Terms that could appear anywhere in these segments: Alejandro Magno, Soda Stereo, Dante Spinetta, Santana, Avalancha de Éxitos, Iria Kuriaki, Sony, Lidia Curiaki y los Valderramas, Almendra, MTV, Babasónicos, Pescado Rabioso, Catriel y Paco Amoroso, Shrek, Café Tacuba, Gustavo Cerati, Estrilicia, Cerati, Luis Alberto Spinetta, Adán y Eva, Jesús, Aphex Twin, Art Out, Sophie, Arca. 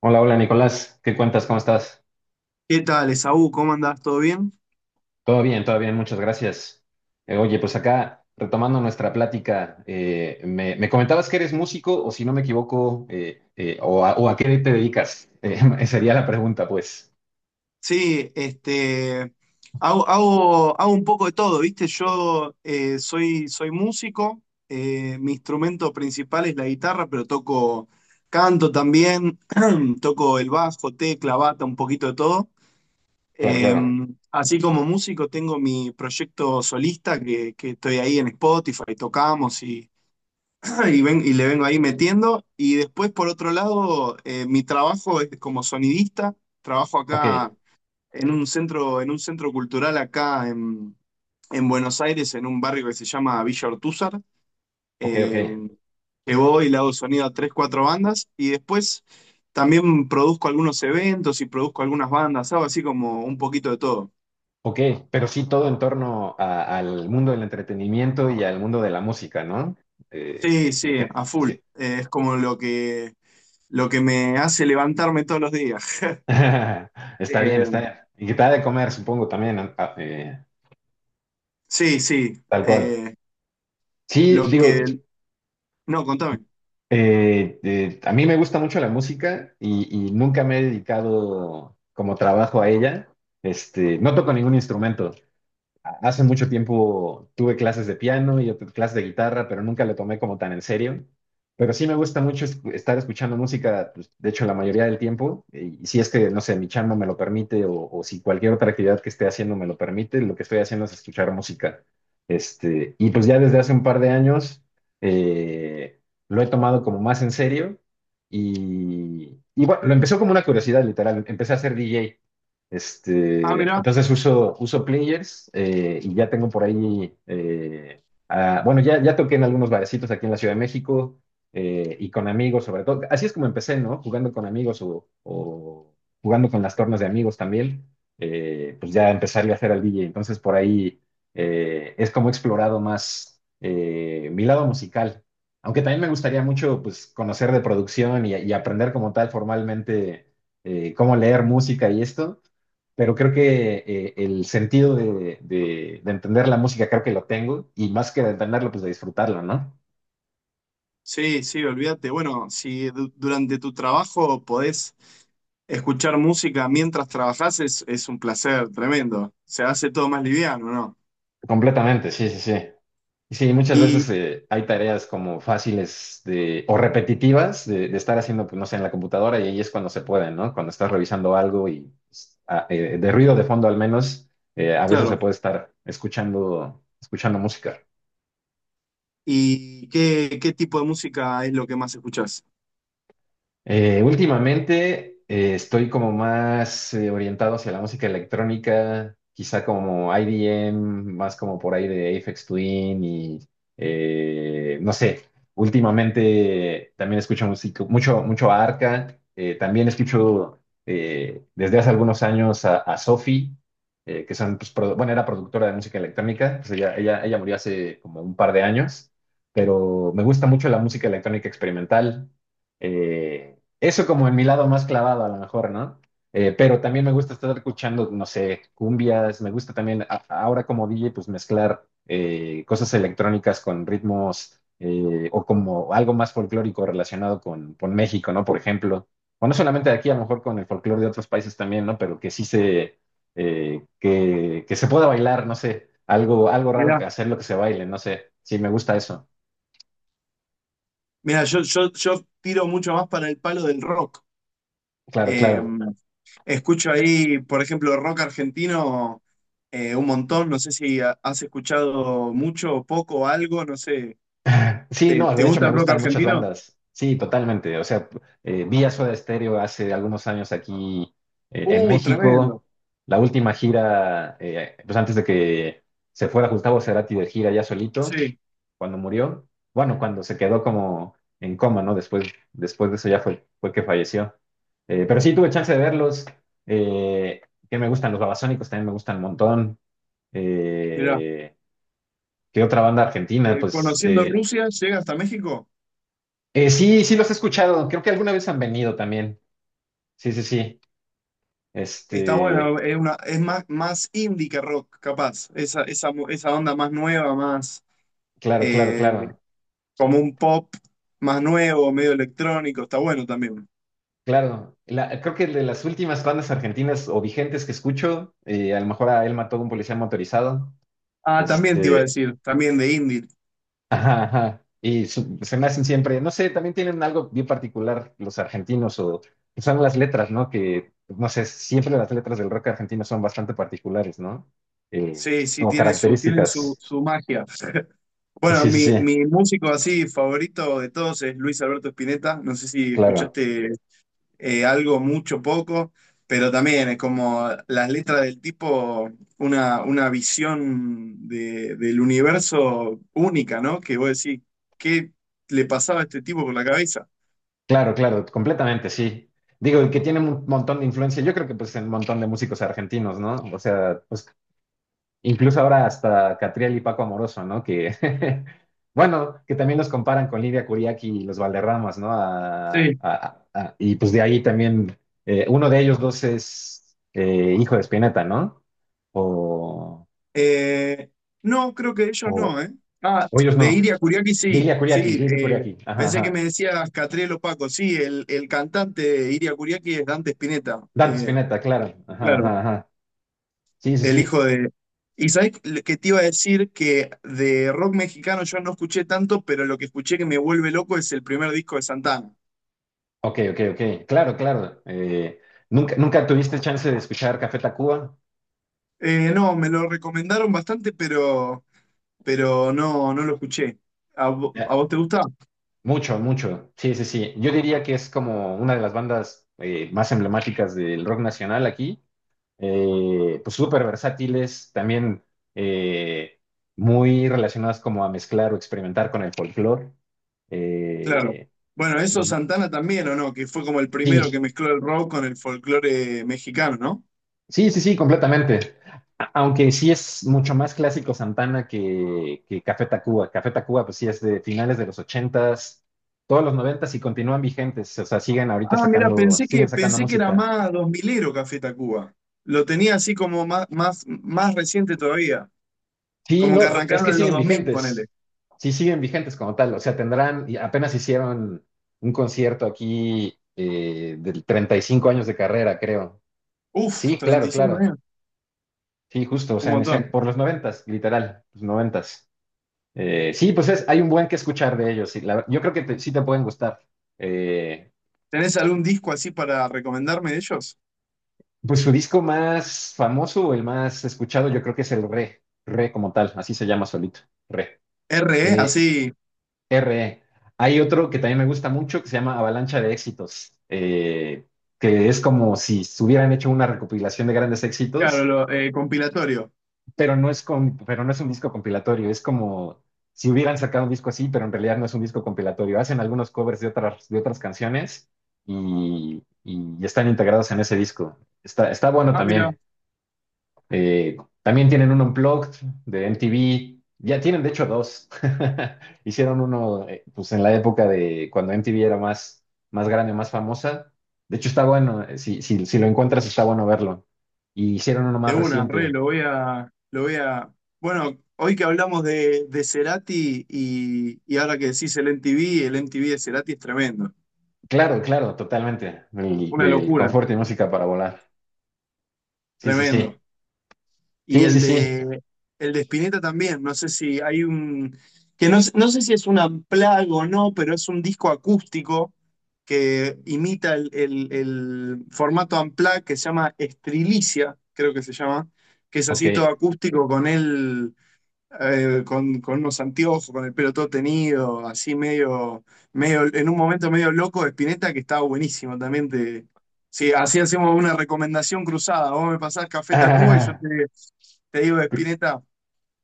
Hola, hola Nicolás, ¿qué cuentas? ¿Cómo estás? ¿Qué tal, Esaú? ¿Cómo andás? ¿Todo bien? Todo bien, muchas gracias. Oye, pues acá, retomando nuestra plática, me comentabas que eres músico, o si no me equivoco, o a qué te dedicas. Sería la pregunta, pues. Sí, hago un poco de todo, ¿viste? Yo soy músico, mi instrumento principal es la guitarra, pero toco, canto también, toco el bajo, tecla, bata, un poquito de todo. Claro, Eh, claro. Así como músico tengo mi proyecto solista que estoy ahí en Spotify, tocamos y, y le vengo ahí metiendo. Y después, por otro lado, mi trabajo es como sonidista. Trabajo Ok, acá en un centro cultural en Buenos Aires, en un barrio que se llama Villa Ortúzar. ok, Eh, ok. que voy y le hago sonido a tres, cuatro bandas. Y después también produzco algunos eventos y produzco algunas bandas. Hago así como un poquito de todo. Ok, pero sí todo en torno al mundo del entretenimiento y al mundo de la música, ¿no? Eh, Sí, sí, a full. sí. Es como lo que me hace levantarme todos los días. Está bien, está Eh, bien. Y que te ha de comer, supongo, también, ¿no? Sí, sí. Tal cual. Sí, Lo digo, que... No, contame. A mí me gusta mucho la música y, nunca me he dedicado como trabajo a ella. No toco ningún instrumento. Hace mucho tiempo tuve clases de piano y otras clases de guitarra, pero nunca lo tomé como tan en serio. Pero sí me gusta mucho estar escuchando música, pues, de hecho, la mayoría del tiempo. Y si es que, no sé, mi chamba me lo permite o si cualquier otra actividad que esté haciendo me lo permite, lo que estoy haciendo es escuchar música. Y pues ya desde hace un par de años, eh, lo he tomado como más en serio. Y bueno, lo empezó como una curiosidad, literal. Empecé a ser DJ. Ah, mira. Entonces uso players, y ya tengo por ahí. Bueno, ya toqué en algunos barecitos aquí en la Ciudad de México, y con amigos sobre todo. Así es como empecé, ¿no? Jugando con amigos, o jugando con las tornas de amigos también, pues ya empezarle a hacer al DJ. Entonces por ahí, es como he explorado más, mi lado musical. Aunque también me gustaría mucho, pues, conocer de producción y aprender como tal formalmente, cómo leer música y esto. Pero creo que, el sentido de entender la música creo que lo tengo, y más que de entenderlo, pues de disfrutarlo, ¿no? Sí, sí, olvídate. Bueno, si durante tu trabajo podés escuchar música mientras trabajás, es un placer tremendo. Se hace todo más liviano, ¿no? Completamente, sí, sí, sí. Y sí, muchas Y, veces, hay tareas como fáciles o repetitivas de estar haciendo, pues, no sé, en la computadora, y ahí es cuando se puede, ¿no? Cuando estás revisando algo y pues, de ruido de fondo al menos, a veces se claro, puede estar escuchando música. ¿y qué tipo de música es lo que más escuchás? Últimamente, estoy como más, orientado hacia la música electrónica, quizá como IDM, más como por ahí de Aphex Twin y, no sé. Últimamente también escucho música, mucho, mucho a Arca. También escucho, desde hace algunos años a Sophie, que son, pues, bueno, era productora de música electrónica. Pues, ella murió hace como un par de años, pero me gusta mucho la música electrónica experimental. eh, Eso como en mi lado más clavado, a lo mejor, ¿no? Pero también me gusta estar escuchando, no sé, cumbias, me gusta también ahora como DJ, pues mezclar, cosas electrónicas con ritmos, o como algo más folclórico relacionado con México, ¿no? Por ejemplo, o no solamente de aquí, a lo mejor con el folclore de otros países también, ¿no? Pero que se pueda bailar, no sé, algo, algo raro Mira, que hacer lo que se baile, no sé, sí, me gusta eso, mira, yo tiro mucho más para el palo del rock. claro, Eh, claro. Escucho ahí, por ejemplo, rock argentino, un montón. No sé si has escuchado mucho o poco o algo, no sé. Sí, no, Te de hecho gusta me el rock gustan muchas argentino? bandas. Sí, totalmente. O sea, vi a Soda Stereo hace algunos años aquí, en Tremendo. México. La última gira, pues antes de que se fuera Gustavo Cerati de gira ya solito, Sí, cuando murió. Bueno, cuando se quedó como en coma, ¿no? Después, después de eso ya fue que falleció. Pero sí tuve chance de verlos. Eh, que me gustan los Babasónicos, también me gustan un montón. mirá. Eh, ¿Qué otra banda argentina? Pues. Conociendo Rusia, llega hasta México. Sí, sí, los he escuchado. Creo que alguna vez han venido también. Sí, sí, sí. Está Este, bueno, es más, más indie que rock, capaz. Esa onda más nueva, más, claro, claro, eh, claro. como un pop más nuevo, medio electrónico. Está bueno también. Claro. Creo que de las últimas bandas argentinas o vigentes que escucho, a lo mejor a él mató a un policía motorizado. Ah, también te iba a Este, decir, también de indie. ajá, ajá. Se me hacen siempre, no sé, también tienen algo bien particular los argentinos, o son las letras, ¿no? Que, no sé, siempre las letras del rock argentino son bastante particulares, ¿no? Eh, Sí, sí, Como tiene tienen características. su magia. Bueno, Sí, sí, sí, mi músico así favorito de todos es Luis Alberto Spinetta. No sé si claro. escuchaste algo, mucho, poco, pero también es como las letras del tipo, una visión del universo única, ¿no? Que vos decís, ¿qué le pasaba a este tipo por la cabeza? Claro, claro, completamente, sí. Digo, y que tiene un montón de influencia, yo creo que pues en un montón de músicos argentinos, ¿no? O sea, pues incluso ahora hasta Catriel y Paco Amoroso, ¿no? Que, bueno, que también los comparan con Lidia Curiaki y los Valderramas, ¿no? Y pues de ahí también, uno de ellos dos es, hijo de Spinetta, ¿no? O, Eh, no, creo que ellos o, no, ¿eh? Ah, o ellos de no. Iria Kuriaki sí, Lidia Curiaki, sí. Lidia Curiaki, ajá, Pensé que ajá. me decías Catriel o Paco. Sí, el cantante de Iria Kuriaki es Dante Spinetta. Dante Spinetta, claro, ajá, Claro, ajá, ajá. Sí, sí, el sí. hijo de... Y sabés que te iba a decir que de rock mexicano yo no escuché tanto, pero lo que escuché que me vuelve loco es el primer disco de Santana. Ok, ok, ok. Claro, claro. ¿Nunca tuviste chance de escuchar Café Tacuba? No, me lo recomendaron bastante, pero no, no lo escuché. ¿A, Ya, a vos te gusta? mucho, mucho. Sí, sí, sí. Yo diría que es como una de las bandas, más emblemáticas del rock nacional aquí. Pues súper versátiles, también, eh, muy relacionadas como a mezclar o experimentar con el folclore. Claro. Eh, Bueno, eso y Santana también, ¿o no? Que fue como el primero que sí. mezcló el rock con el folclore mexicano, ¿no? Sí, sí, sí, completamente. Aunque sí es mucho más clásico Santana que Café Tacuba. Café Tacuba, pues sí, es de finales de los ochentas, todos los noventas, y continúan vigentes. O sea, siguen ahorita Ah, mira, sacando, siguen sacando pensé que era música. más dos milero Café Tacuba. Lo tenía así como más reciente todavía. Sí, Como que no, es que arrancaron en los siguen dos mil, ponele. vigentes. Sí, siguen vigentes como tal. O sea, tendrán, y apenas hicieron un concierto aquí, del 35 años de carrera, creo. Uf, Sí, treinta claro, y cinco, claro. años. Sí, justo, o Un sea, montón. por los noventas, literal, los noventas. Sí, pues, hay un buen que escuchar de ellos. Sí, yo creo que sí te pueden gustar. Eh, ¿Tenés algún disco así para recomendarme de ellos? pues su disco más famoso, o el más escuchado, yo creo que es el Re como tal, así se llama solito, Re. RE, Eh, así, RE. Hay otro que también me gusta mucho que se llama Avalancha de Éxitos, que es como si hubieran hecho una recopilación de grandes claro, éxitos, lo, compilatorio. Pero no es un disco compilatorio, es como si hubieran sacado un disco así, pero en realidad no es un disco compilatorio. Hacen algunos covers de otras canciones, y están integrados en ese disco. Está bueno Ah, mira. también. Eh, También tienen un Unplugged de MTV. Ya tienen, de hecho, dos. Hicieron uno, pues, en la época de cuando MTV era más, más grande, más famosa. De hecho, está bueno. Si lo encuentras, está bueno verlo. Y hicieron uno De más una, re, reciente. Lo voy a. Bueno, hoy que hablamos de Cerati y ahora que decís el MTV, el MTV de Cerati es tremendo. Claro, claro, totalmente. Del, Una del locura, confort, y música para volar. Sí, sí, sí. tremendo. Y Sí, sí, sí. El de Spinetta también, no sé si hay un. Que no, no sé si es un unplugged o no, pero es un disco acústico que imita el formato unplugged que se llama Estrilicia, creo que se llama, que es Ok. así todo acústico con él, con unos anteojos, con el pelo todo tenido, así en un momento medio loco de Spinetta que estaba buenísimo también. Sí, así hacemos una recomendación cruzada. Vos me pasás Café Tacuba y yo Ah, te digo de per- Spinetta.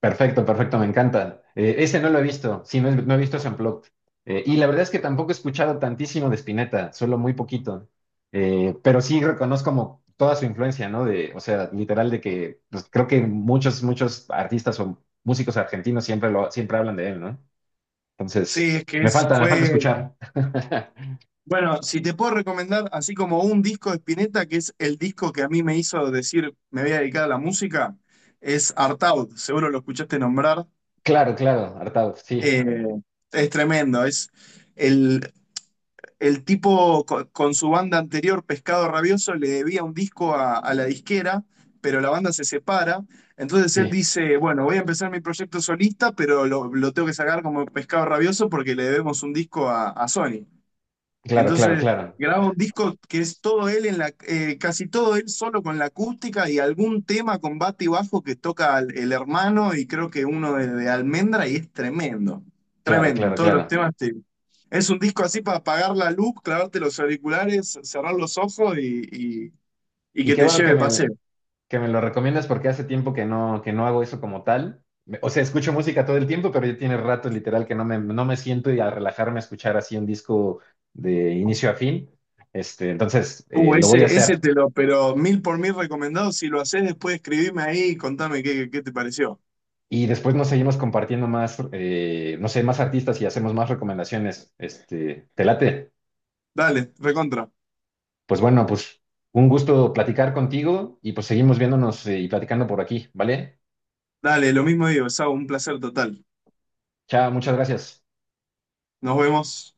perfecto, perfecto, me encanta. Ese no lo he visto. Sí, no, he no he visto ese Unplugged. Y la verdad es que tampoco he escuchado tantísimo de Spinetta, solo muy poquito. Pero sí reconozco como toda su influencia, ¿no? De, o sea, literal de que pues, creo que muchos, muchos artistas o músicos argentinos siempre lo, siempre hablan de él, ¿no? Sí, Entonces, es que me falta, me falta fue. escuchar. Bueno, si te puedo recomendar, así como un disco de Spinetta, que es el disco que a mí me hizo decir me voy a dedicar a la música, es Art Out, seguro lo escuchaste nombrar. Claro, claro, hartado, sí, Eh, es tremendo, es el el tipo su banda anterior, Pescado Rabioso, le debía un disco a la disquera, pero la banda se separa. Entonces él sí, dice, bueno, voy a empezar mi proyecto solista, pero lo tengo que sacar como Pescado Rabioso porque le debemos un disco a Sony. claro, claro, Entonces claro, graba un disco que es todo él en casi todo él solo con la acústica y algún tema con bate y bajo que toca el hermano y creo que uno de Almendra y es tremendo, claro, tremendo. claro, Todos los claro. temas es un disco así para apagar la luz, clavarte los auriculares, cerrar los ojos y, y- y Y que qué te bueno que lleve me, paseo. que me lo recomiendas, porque hace tiempo que no hago eso como tal. O sea, escucho música todo el tiempo, pero ya tiene rato literal que no me siento y a relajarme a escuchar así un disco de inicio a fin. Entonces, lo voy a Ese hacer. te lo, pero mil por mil recomendado. Si lo haces después, escribime ahí y contame qué te pareció. Y después nos seguimos compartiendo más, no sé, más artistas y hacemos más recomendaciones. ¿Te late? Dale, recontra. Pues bueno, pues un gusto platicar contigo, y pues seguimos viéndonos, y platicando por aquí, ¿vale? Dale, lo mismo digo, Sau, un placer total. Chao, muchas gracias. Nos vemos.